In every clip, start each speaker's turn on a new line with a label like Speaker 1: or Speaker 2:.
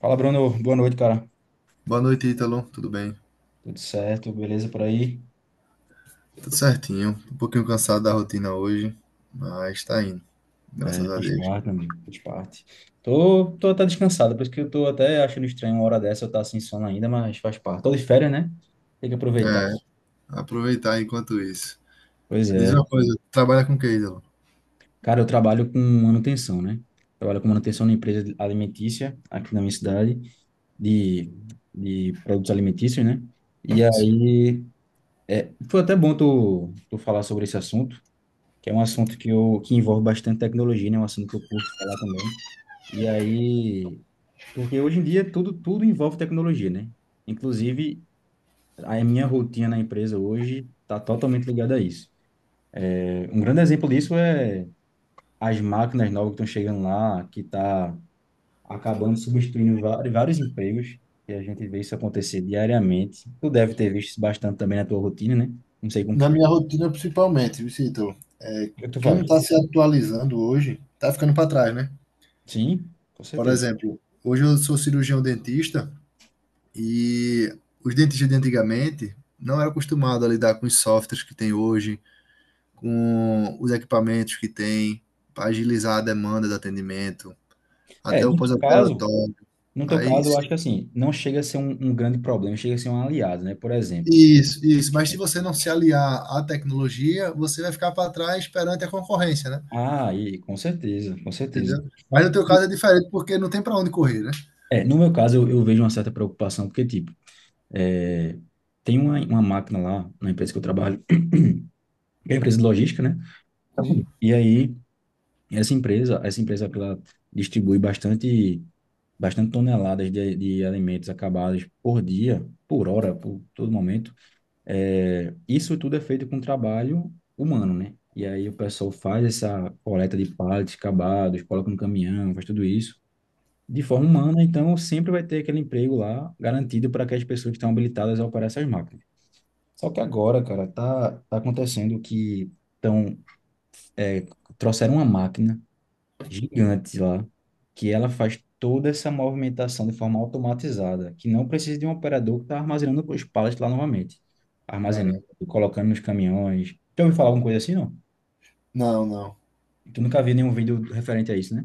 Speaker 1: Fala, Bruno. Boa noite, cara.
Speaker 2: Boa noite, Ítalo. Tudo bem?
Speaker 1: Tudo certo? Beleza por aí?
Speaker 2: Tudo certinho. Um pouquinho cansado da rotina hoje, mas tá indo,
Speaker 1: É,
Speaker 2: graças a
Speaker 1: faz
Speaker 2: Deus.
Speaker 1: parte, meu amigo. Faz parte. Tô até descansado, por isso que eu tô até achando estranho uma hora dessa eu estar sem sono ainda, mas faz parte. Tô de férias, né? Tem que aproveitar.
Speaker 2: É, aproveitar enquanto isso.
Speaker 1: Pois
Speaker 2: Diz
Speaker 1: é.
Speaker 2: uma coisa, trabalha com o que, Ítalo?
Speaker 1: Cara, eu trabalho com manutenção, né? Trabalho com manutenção na empresa alimentícia aqui na minha cidade, de, de produtos alimentícios, né? E
Speaker 2: Sim.
Speaker 1: aí, foi até bom tu falar sobre esse assunto, que é um assunto que envolve bastante tecnologia, né? É um assunto que eu curto falar também. E aí, porque hoje em dia tudo envolve tecnologia, né? Inclusive, a minha rotina na empresa hoje está totalmente ligada a isso. Um grande exemplo disso é as máquinas novas que estão chegando lá, que está acabando substituindo vários empregos, e a gente vê isso acontecer diariamente. Tu deve ter visto isso bastante também na tua rotina, né? Não sei com
Speaker 2: Na
Speaker 1: que,
Speaker 2: minha rotina, principalmente, Victor,
Speaker 1: o que tu
Speaker 2: quem
Speaker 1: faz.
Speaker 2: não está se atualizando hoje está ficando para trás, né?
Speaker 1: Sim, com
Speaker 2: Por
Speaker 1: certeza.
Speaker 2: exemplo, hoje eu sou cirurgião dentista e os dentistas de antigamente não eram acostumados a lidar com os softwares que tem hoje, com os equipamentos que tem, para agilizar a demanda do atendimento,
Speaker 1: É,
Speaker 2: até o
Speaker 1: no teu caso,
Speaker 2: pós-operatório.
Speaker 1: no teu
Speaker 2: Aí,
Speaker 1: caso, eu
Speaker 2: se-
Speaker 1: acho que assim, não chega a ser um grande problema, chega a ser um aliado, né? Por exemplo,
Speaker 2: isso, isso. Mas se você não se aliar à tecnologia, você vai ficar para trás perante a concorrência, né?
Speaker 1: ah, e com certeza, com certeza.
Speaker 2: Entendeu? Mas no teu caso é diferente, porque não tem para onde correr, né?
Speaker 1: É, no meu caso, eu vejo uma certa preocupação, porque, tipo, é, tem uma máquina lá na empresa que eu trabalho, que é uma empresa de logística, né?
Speaker 2: Sim.
Speaker 1: E aí, essa empresa ela distribui bastante, bastante toneladas de alimentos acabados por dia, por hora, por todo momento. É, isso tudo é feito com trabalho humano, né? E aí o pessoal faz essa coleta de pallets acabados, coloca no caminhão, faz tudo isso de forma humana, então sempre vai ter aquele emprego lá garantido para aquelas pessoas que estão habilitadas a operar essas máquinas. Só que agora, cara, tá acontecendo que tão, é, trouxeram uma máquina gigante lá, que ela faz toda essa movimentação de forma automatizada, que não precisa de um operador que está armazenando os pallets lá novamente. Armazenando,
Speaker 2: Caramba.
Speaker 1: colocando nos caminhões. Já ouviu falar alguma coisa assim, não?
Speaker 2: Não, não.
Speaker 1: Tu nunca viu nenhum vídeo referente a isso, né?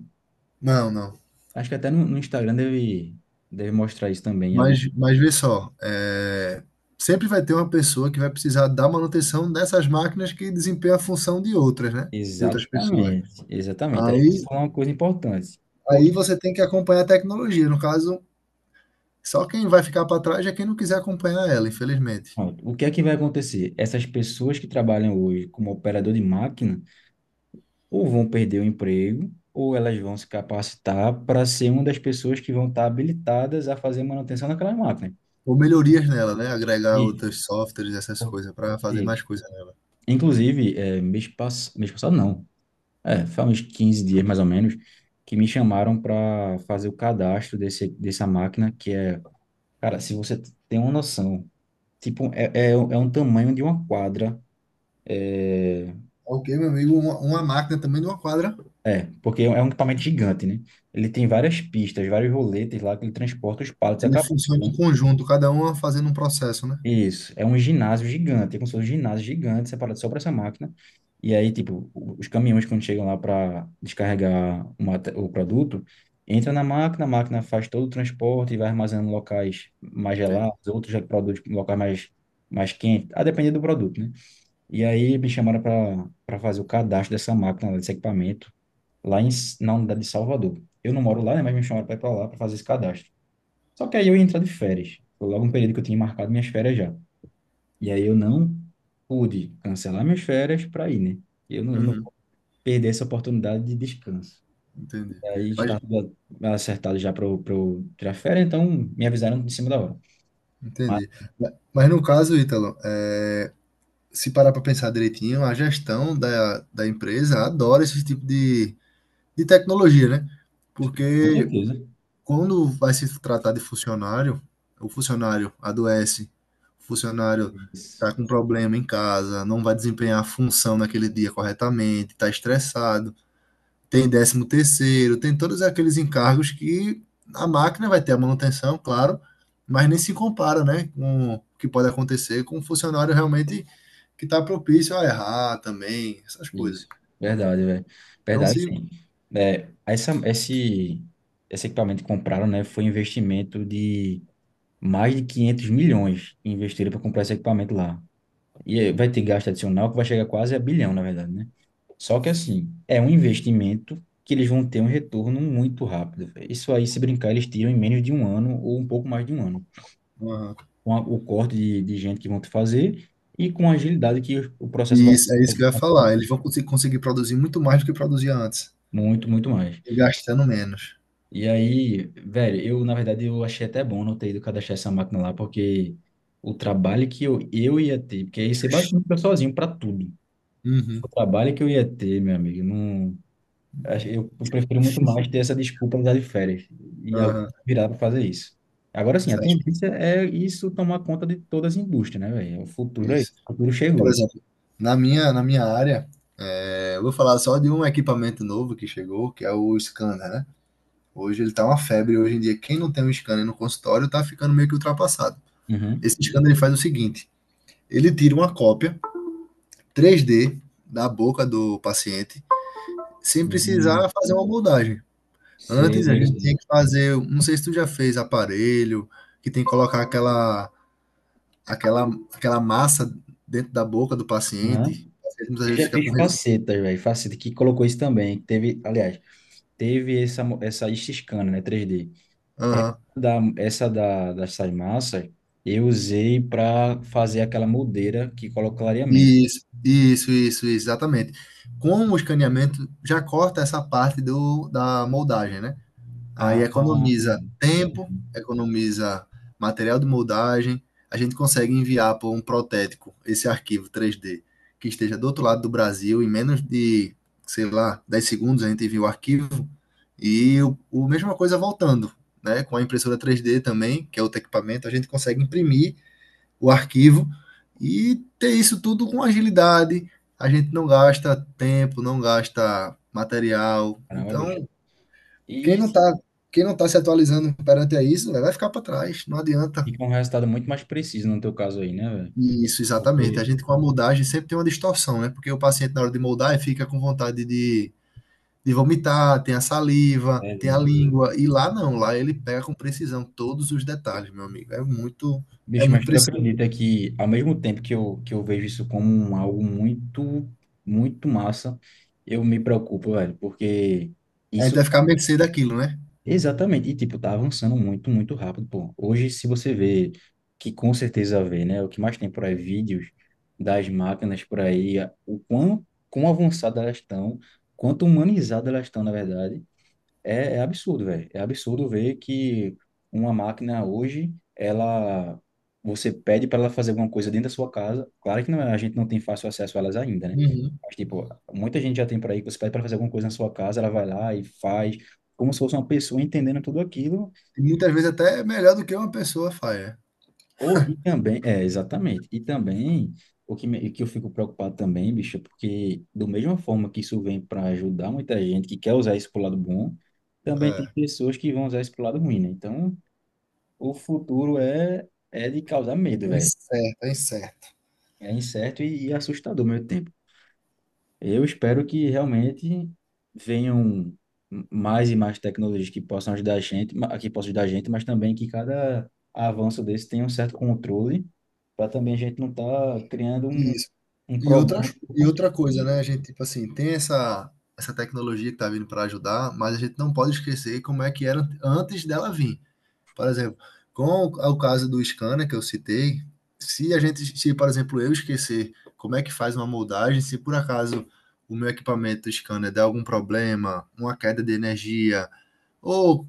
Speaker 2: Não, não.
Speaker 1: Acho que até no Instagram deve mostrar isso também em algum.
Speaker 2: Mas vê só, sempre vai ter uma pessoa que vai precisar da manutenção dessas máquinas que desempenham a função de outras, né? De outras pessoas.
Speaker 1: Exatamente, exatamente. Aí você
Speaker 2: Aí
Speaker 1: falou uma coisa importante.
Speaker 2: Aí
Speaker 1: Porque,
Speaker 2: você tem que acompanhar a tecnologia. No caso, só quem vai ficar para trás é quem não quiser acompanhar ela, infelizmente.
Speaker 1: pronto, o que é que vai acontecer? Essas pessoas que trabalham hoje como operador de máquina ou vão perder o emprego ou elas vão se capacitar para ser uma das pessoas que vão estar habilitadas a fazer manutenção daquela máquina.
Speaker 2: Ou melhorias nela, né? Agregar
Speaker 1: Isso.
Speaker 2: outros softwares, essas coisas, para fazer mais
Speaker 1: Isso.
Speaker 2: coisa nela.
Speaker 1: Inclusive, mês passado, não. É, foi há uns 15 dias mais ou menos que me chamaram para fazer o cadastro dessa máquina que é, cara, se você tem uma noção. Tipo, é um tamanho de uma quadra. É,
Speaker 2: Ok, meu amigo, uma máquina também de uma quadra,
Speaker 1: porque é um equipamento gigante, né? Ele tem várias pistas, vários roletes lá que ele transporta os pallets
Speaker 2: ele
Speaker 1: acabados.
Speaker 2: funciona em
Speaker 1: Então,
Speaker 2: conjunto, cada uma fazendo um processo, né?
Speaker 1: isso, é um ginásio gigante, é como se fosse um ginásio gigante separado só para essa máquina. E aí, tipo, os caminhões quando chegam lá para descarregar o produto, entra na máquina, a máquina faz todo o transporte e vai armazenando em locais mais
Speaker 2: Entendi.
Speaker 1: gelados, outros produtos em locais mais, mais quentes, a depender do produto, né? E aí me chamaram para fazer o cadastro dessa máquina, desse equipamento, lá em, na unidade de Salvador. Eu não moro lá, né, mas me chamaram para ir para lá para fazer esse cadastro. Só que aí eu ia entrar de férias. Foi logo um período que eu tinha marcado minhas férias já. E aí eu não pude cancelar minhas férias para ir, né? Eu não
Speaker 2: Uhum,
Speaker 1: vou perder essa oportunidade de descanso.
Speaker 2: entendi.
Speaker 1: E aí já
Speaker 2: Mas,
Speaker 1: estava tudo acertado já para eu pra eu tirar férias, então me avisaram em cima da hora. Mas,
Speaker 2: entendi. Mas no caso, Ítalo, se parar para pensar direitinho, a gestão da empresa adora esse tipo de tecnologia, né?
Speaker 1: com
Speaker 2: Porque
Speaker 1: certeza.
Speaker 2: quando vai se tratar de funcionário, o funcionário adoece, o funcionário
Speaker 1: Isso.
Speaker 2: está com problema em casa, não vai desempenhar a função naquele dia corretamente, está estressado, tem décimo terceiro, tem todos aqueles encargos que a máquina vai ter a manutenção, claro, mas nem se compara, né, com o que pode acontecer com um funcionário realmente que está propício a errar também, essas coisas.
Speaker 1: Isso, verdade, velho.
Speaker 2: Então,
Speaker 1: Verdade,
Speaker 2: se.
Speaker 1: sim. É, essa, esse, esse equipamento que compraram, né, foi um investimento de mais de 500 milhões que investiram para comprar esse equipamento lá. E vai ter gasto adicional que vai chegar quase a bilhão, na verdade, né? Só que, assim, é um investimento que eles vão ter um retorno muito rápido, velho. Isso aí, se brincar, eles tiram em menos de um ano ou um pouco mais de um ano.
Speaker 2: Aham.
Speaker 1: Com o corte de gente que vão te fazer e com a agilidade que o processo vai
Speaker 2: Isso, é isso que eu ia
Speaker 1: ter.
Speaker 2: falar. Eles vão conseguir produzir muito mais do que produzia antes.
Speaker 1: Muito, muito mais.
Speaker 2: E gastando menos.
Speaker 1: E aí, velho, eu achei até bom não ter ido cadastrar essa máquina lá, porque o trabalho eu ia ter, porque aí você basicamente fica sozinho para tudo.
Speaker 2: Uhum.
Speaker 1: O trabalho que eu ia ter, meu amigo, não, eu prefiro muito mais ter essa desculpa de dar de férias e alguém
Speaker 2: Aham.
Speaker 1: virar para fazer isso. Agora sim, a
Speaker 2: Acho que
Speaker 1: tendência é isso tomar conta de todas as indústrias, né, velho? O
Speaker 2: é
Speaker 1: futuro aí,
Speaker 2: isso.
Speaker 1: o futuro
Speaker 2: Por
Speaker 1: chegou.
Speaker 2: exemplo, na minha área, eu vou falar só de um equipamento novo que chegou, que é o scanner, né? Hoje ele tá uma febre. Hoje em dia, quem não tem um scanner no consultório tá ficando meio que ultrapassado. Esse
Speaker 1: Uhum.
Speaker 2: scanner ele faz o seguinte: ele tira uma cópia 3D da boca do paciente, sem
Speaker 1: Sim,
Speaker 2: precisar fazer uma moldagem. Antes a
Speaker 1: sei,
Speaker 2: gente tinha
Speaker 1: sei.
Speaker 2: que fazer, não sei se tu já fez aparelho, que tem que colocar aquela, aquela massa dentro da boca do paciente.
Speaker 1: Uhum.
Speaker 2: O paciente muitas
Speaker 1: Eu
Speaker 2: vezes
Speaker 1: já
Speaker 2: fica com
Speaker 1: fiz
Speaker 2: res...
Speaker 1: facetas, velho, faceta que colocou isso também, que teve, aliás, teve essa scan, né, 3D.
Speaker 2: Aham.
Speaker 1: Dessas massas eu usei para fazer aquela moldeira que coloca o clareamento.
Speaker 2: Isso, exatamente. Com o escaneamento, já corta essa parte da moldagem, né? Aí
Speaker 1: Ah,
Speaker 2: economiza tempo, economiza material de moldagem. A gente consegue enviar por um protético esse arquivo 3D que esteja do outro lado do Brasil em menos de, sei lá, 10 segundos a gente envia o arquivo e o mesma coisa voltando, né? Com a impressora 3D também, que é outro equipamento, a gente consegue imprimir o arquivo e ter isso tudo com agilidade. A gente não gasta tempo, não gasta material.
Speaker 1: caramba, bicho.
Speaker 2: Então,
Speaker 1: E
Speaker 2: quem não
Speaker 1: isso
Speaker 2: está quem não tá se atualizando perante a isso, né, vai ficar para trás, não adianta.
Speaker 1: fica um resultado muito mais preciso no teu caso aí, né, velho?
Speaker 2: Isso, exatamente. A
Speaker 1: Porque,
Speaker 2: gente com a moldagem sempre tem uma distorção, né? Porque o paciente, na hora de moldar, ele fica com vontade de vomitar, tem a saliva,
Speaker 1: é,
Speaker 2: tem a
Speaker 1: velho.
Speaker 2: língua, e lá não, lá ele pega com precisão todos os detalhes, meu amigo. É
Speaker 1: Bicho,
Speaker 2: muito
Speaker 1: mas tu
Speaker 2: preciso.
Speaker 1: acredita que ao mesmo tempo que eu vejo isso como algo muito, muito massa, eu me preocupo, velho, porque...
Speaker 2: A gente
Speaker 1: Isso
Speaker 2: vai ficar à mercê daquilo, né?
Speaker 1: exatamente. E, tipo, tá avançando muito, muito rápido, pô. Hoje, se você vê, que com certeza vê, né? O que mais tem por aí, vídeos das máquinas por aí, o quão, quão avançadas elas estão, quanto humanizadas elas estão, na verdade. É, é absurdo, velho. É absurdo ver que uma máquina hoje, ela, você pede para ela fazer alguma coisa dentro da sua casa. Claro que não, a gente não tem fácil acesso a elas ainda, né?
Speaker 2: Uhum.
Speaker 1: Mas, tipo, muita gente já tem por aí que você pede para fazer alguma coisa na sua casa, ela vai lá e faz, como se fosse uma pessoa entendendo tudo aquilo.
Speaker 2: E muitas vezes até é melhor do que uma pessoa faz.
Speaker 1: Ou, e também, é, exatamente. E também, que eu fico preocupado também, bicho, é porque, do mesma forma que isso vem para ajudar muita gente que quer usar isso pro lado bom, também tem
Speaker 2: É
Speaker 1: pessoas que vão usar isso pro lado ruim, né? Então. O futuro é de causar medo,
Speaker 2: Bem
Speaker 1: velho.
Speaker 2: certo, é certo.
Speaker 1: É incerto e assustador ao mesmo tempo. Eu espero que realmente venham mais e mais tecnologias que possam ajudar a gente, que possam ajudar a gente, mas também que cada avanço desse tenha um certo controle, para também a gente não estar criando
Speaker 2: Isso.
Speaker 1: um
Speaker 2: E outra,
Speaker 1: problema pro
Speaker 2: e outra
Speaker 1: futuro.
Speaker 2: coisa, né? A gente, tipo assim, tem essa tecnologia que tá vindo para ajudar, mas a gente não pode esquecer como é que era antes dela vir. Por exemplo, com o caso do scanner que eu citei, se a gente, se, por exemplo, eu esquecer como é que faz uma moldagem, se por acaso o meu equipamento scanner der algum problema, uma queda de energia, ou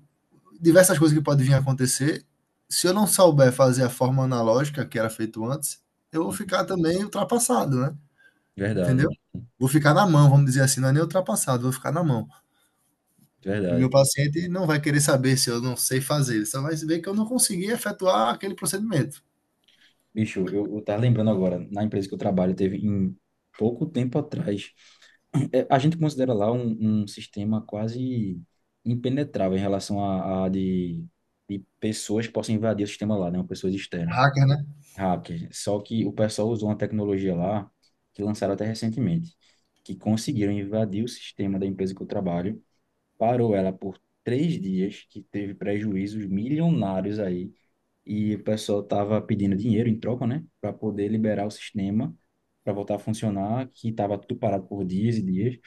Speaker 2: diversas coisas que podem vir a acontecer, se eu não souber fazer a forma analógica que era feito antes, eu vou
Speaker 1: Uhum.
Speaker 2: ficar também ultrapassado, né?
Speaker 1: Verdade,
Speaker 2: Entendeu? Vou ficar na mão, vamos dizer assim, não é nem ultrapassado, vou ficar na mão. Meu
Speaker 1: verdade.
Speaker 2: paciente não vai querer saber se eu não sei fazer, ele só vai ver que eu não consegui efetuar aquele procedimento.
Speaker 1: Bicho, eu tava lembrando agora, na empresa que eu trabalho, teve em pouco tempo atrás, a gente considera lá um sistema quase impenetrável em relação de pessoas que possam invadir o sistema lá, né? Pessoas externas,
Speaker 2: Hacker, né?
Speaker 1: hackers. Só que o pessoal usou uma tecnologia lá que lançaram até recentemente, que conseguiram invadir o sistema da empresa que eu trabalho, parou ela por 3 dias, que teve prejuízos milionários aí, e o pessoal tava pedindo dinheiro em troca, né? Para poder liberar o sistema, para voltar a funcionar, que estava tudo parado por dias e dias.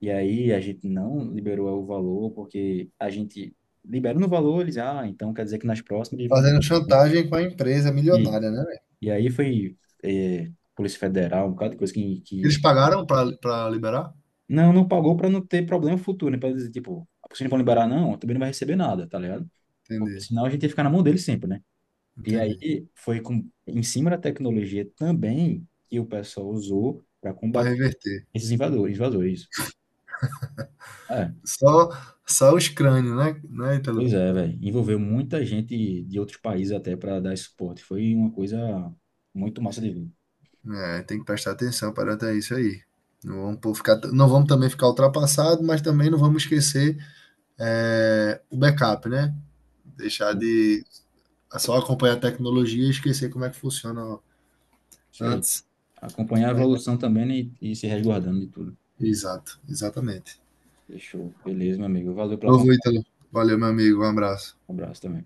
Speaker 1: E aí a gente não liberou o valor, porque a gente liberou no valor, eles, ah, então quer dizer que nas próximas eles vão estar
Speaker 2: Fazendo chantagem com a empresa
Speaker 1: aqui.
Speaker 2: milionária, né, velho?
Speaker 1: E aí foi Polícia Federal, um bocado de coisa que...
Speaker 2: Eles pagaram para liberar?
Speaker 1: Não, não pagou para não ter problema futuro, né? Para dizer, tipo, se não vão liberar não, também não vai receber nada, tá ligado? Porque
Speaker 2: Entendi,
Speaker 1: senão a gente ia ficar na mão deles sempre, né? E
Speaker 2: entendi.
Speaker 1: aí foi em cima da tecnologia também que o pessoal usou para
Speaker 2: Para
Speaker 1: combater
Speaker 2: reverter.
Speaker 1: esses invasores. É.
Speaker 2: Só, só os crânios, né, né,
Speaker 1: Pois
Speaker 2: Ítalo?
Speaker 1: é, velho. Envolveu muita gente de outros países até para dar esse suporte. Foi uma coisa muito massa de ver,
Speaker 2: É, tem que prestar atenção para até isso aí. Não vamos, pô, ficar, não vamos também ficar ultrapassado, mas também não vamos esquecer o backup, né? Deixar
Speaker 1: né?
Speaker 2: de só acompanhar a tecnologia e esquecer como é que funciona
Speaker 1: Isso aí.
Speaker 2: antes.
Speaker 1: Acompanhar a
Speaker 2: Né?
Speaker 1: evolução também, né, e se resguardando de tudo.
Speaker 2: Exato, exatamente.
Speaker 1: Fechou. Beleza, meu amigo. Valeu pela
Speaker 2: Novo
Speaker 1: conversa.
Speaker 2: Ítalo. Valeu, meu amigo. Um abraço.
Speaker 1: Um abraço também.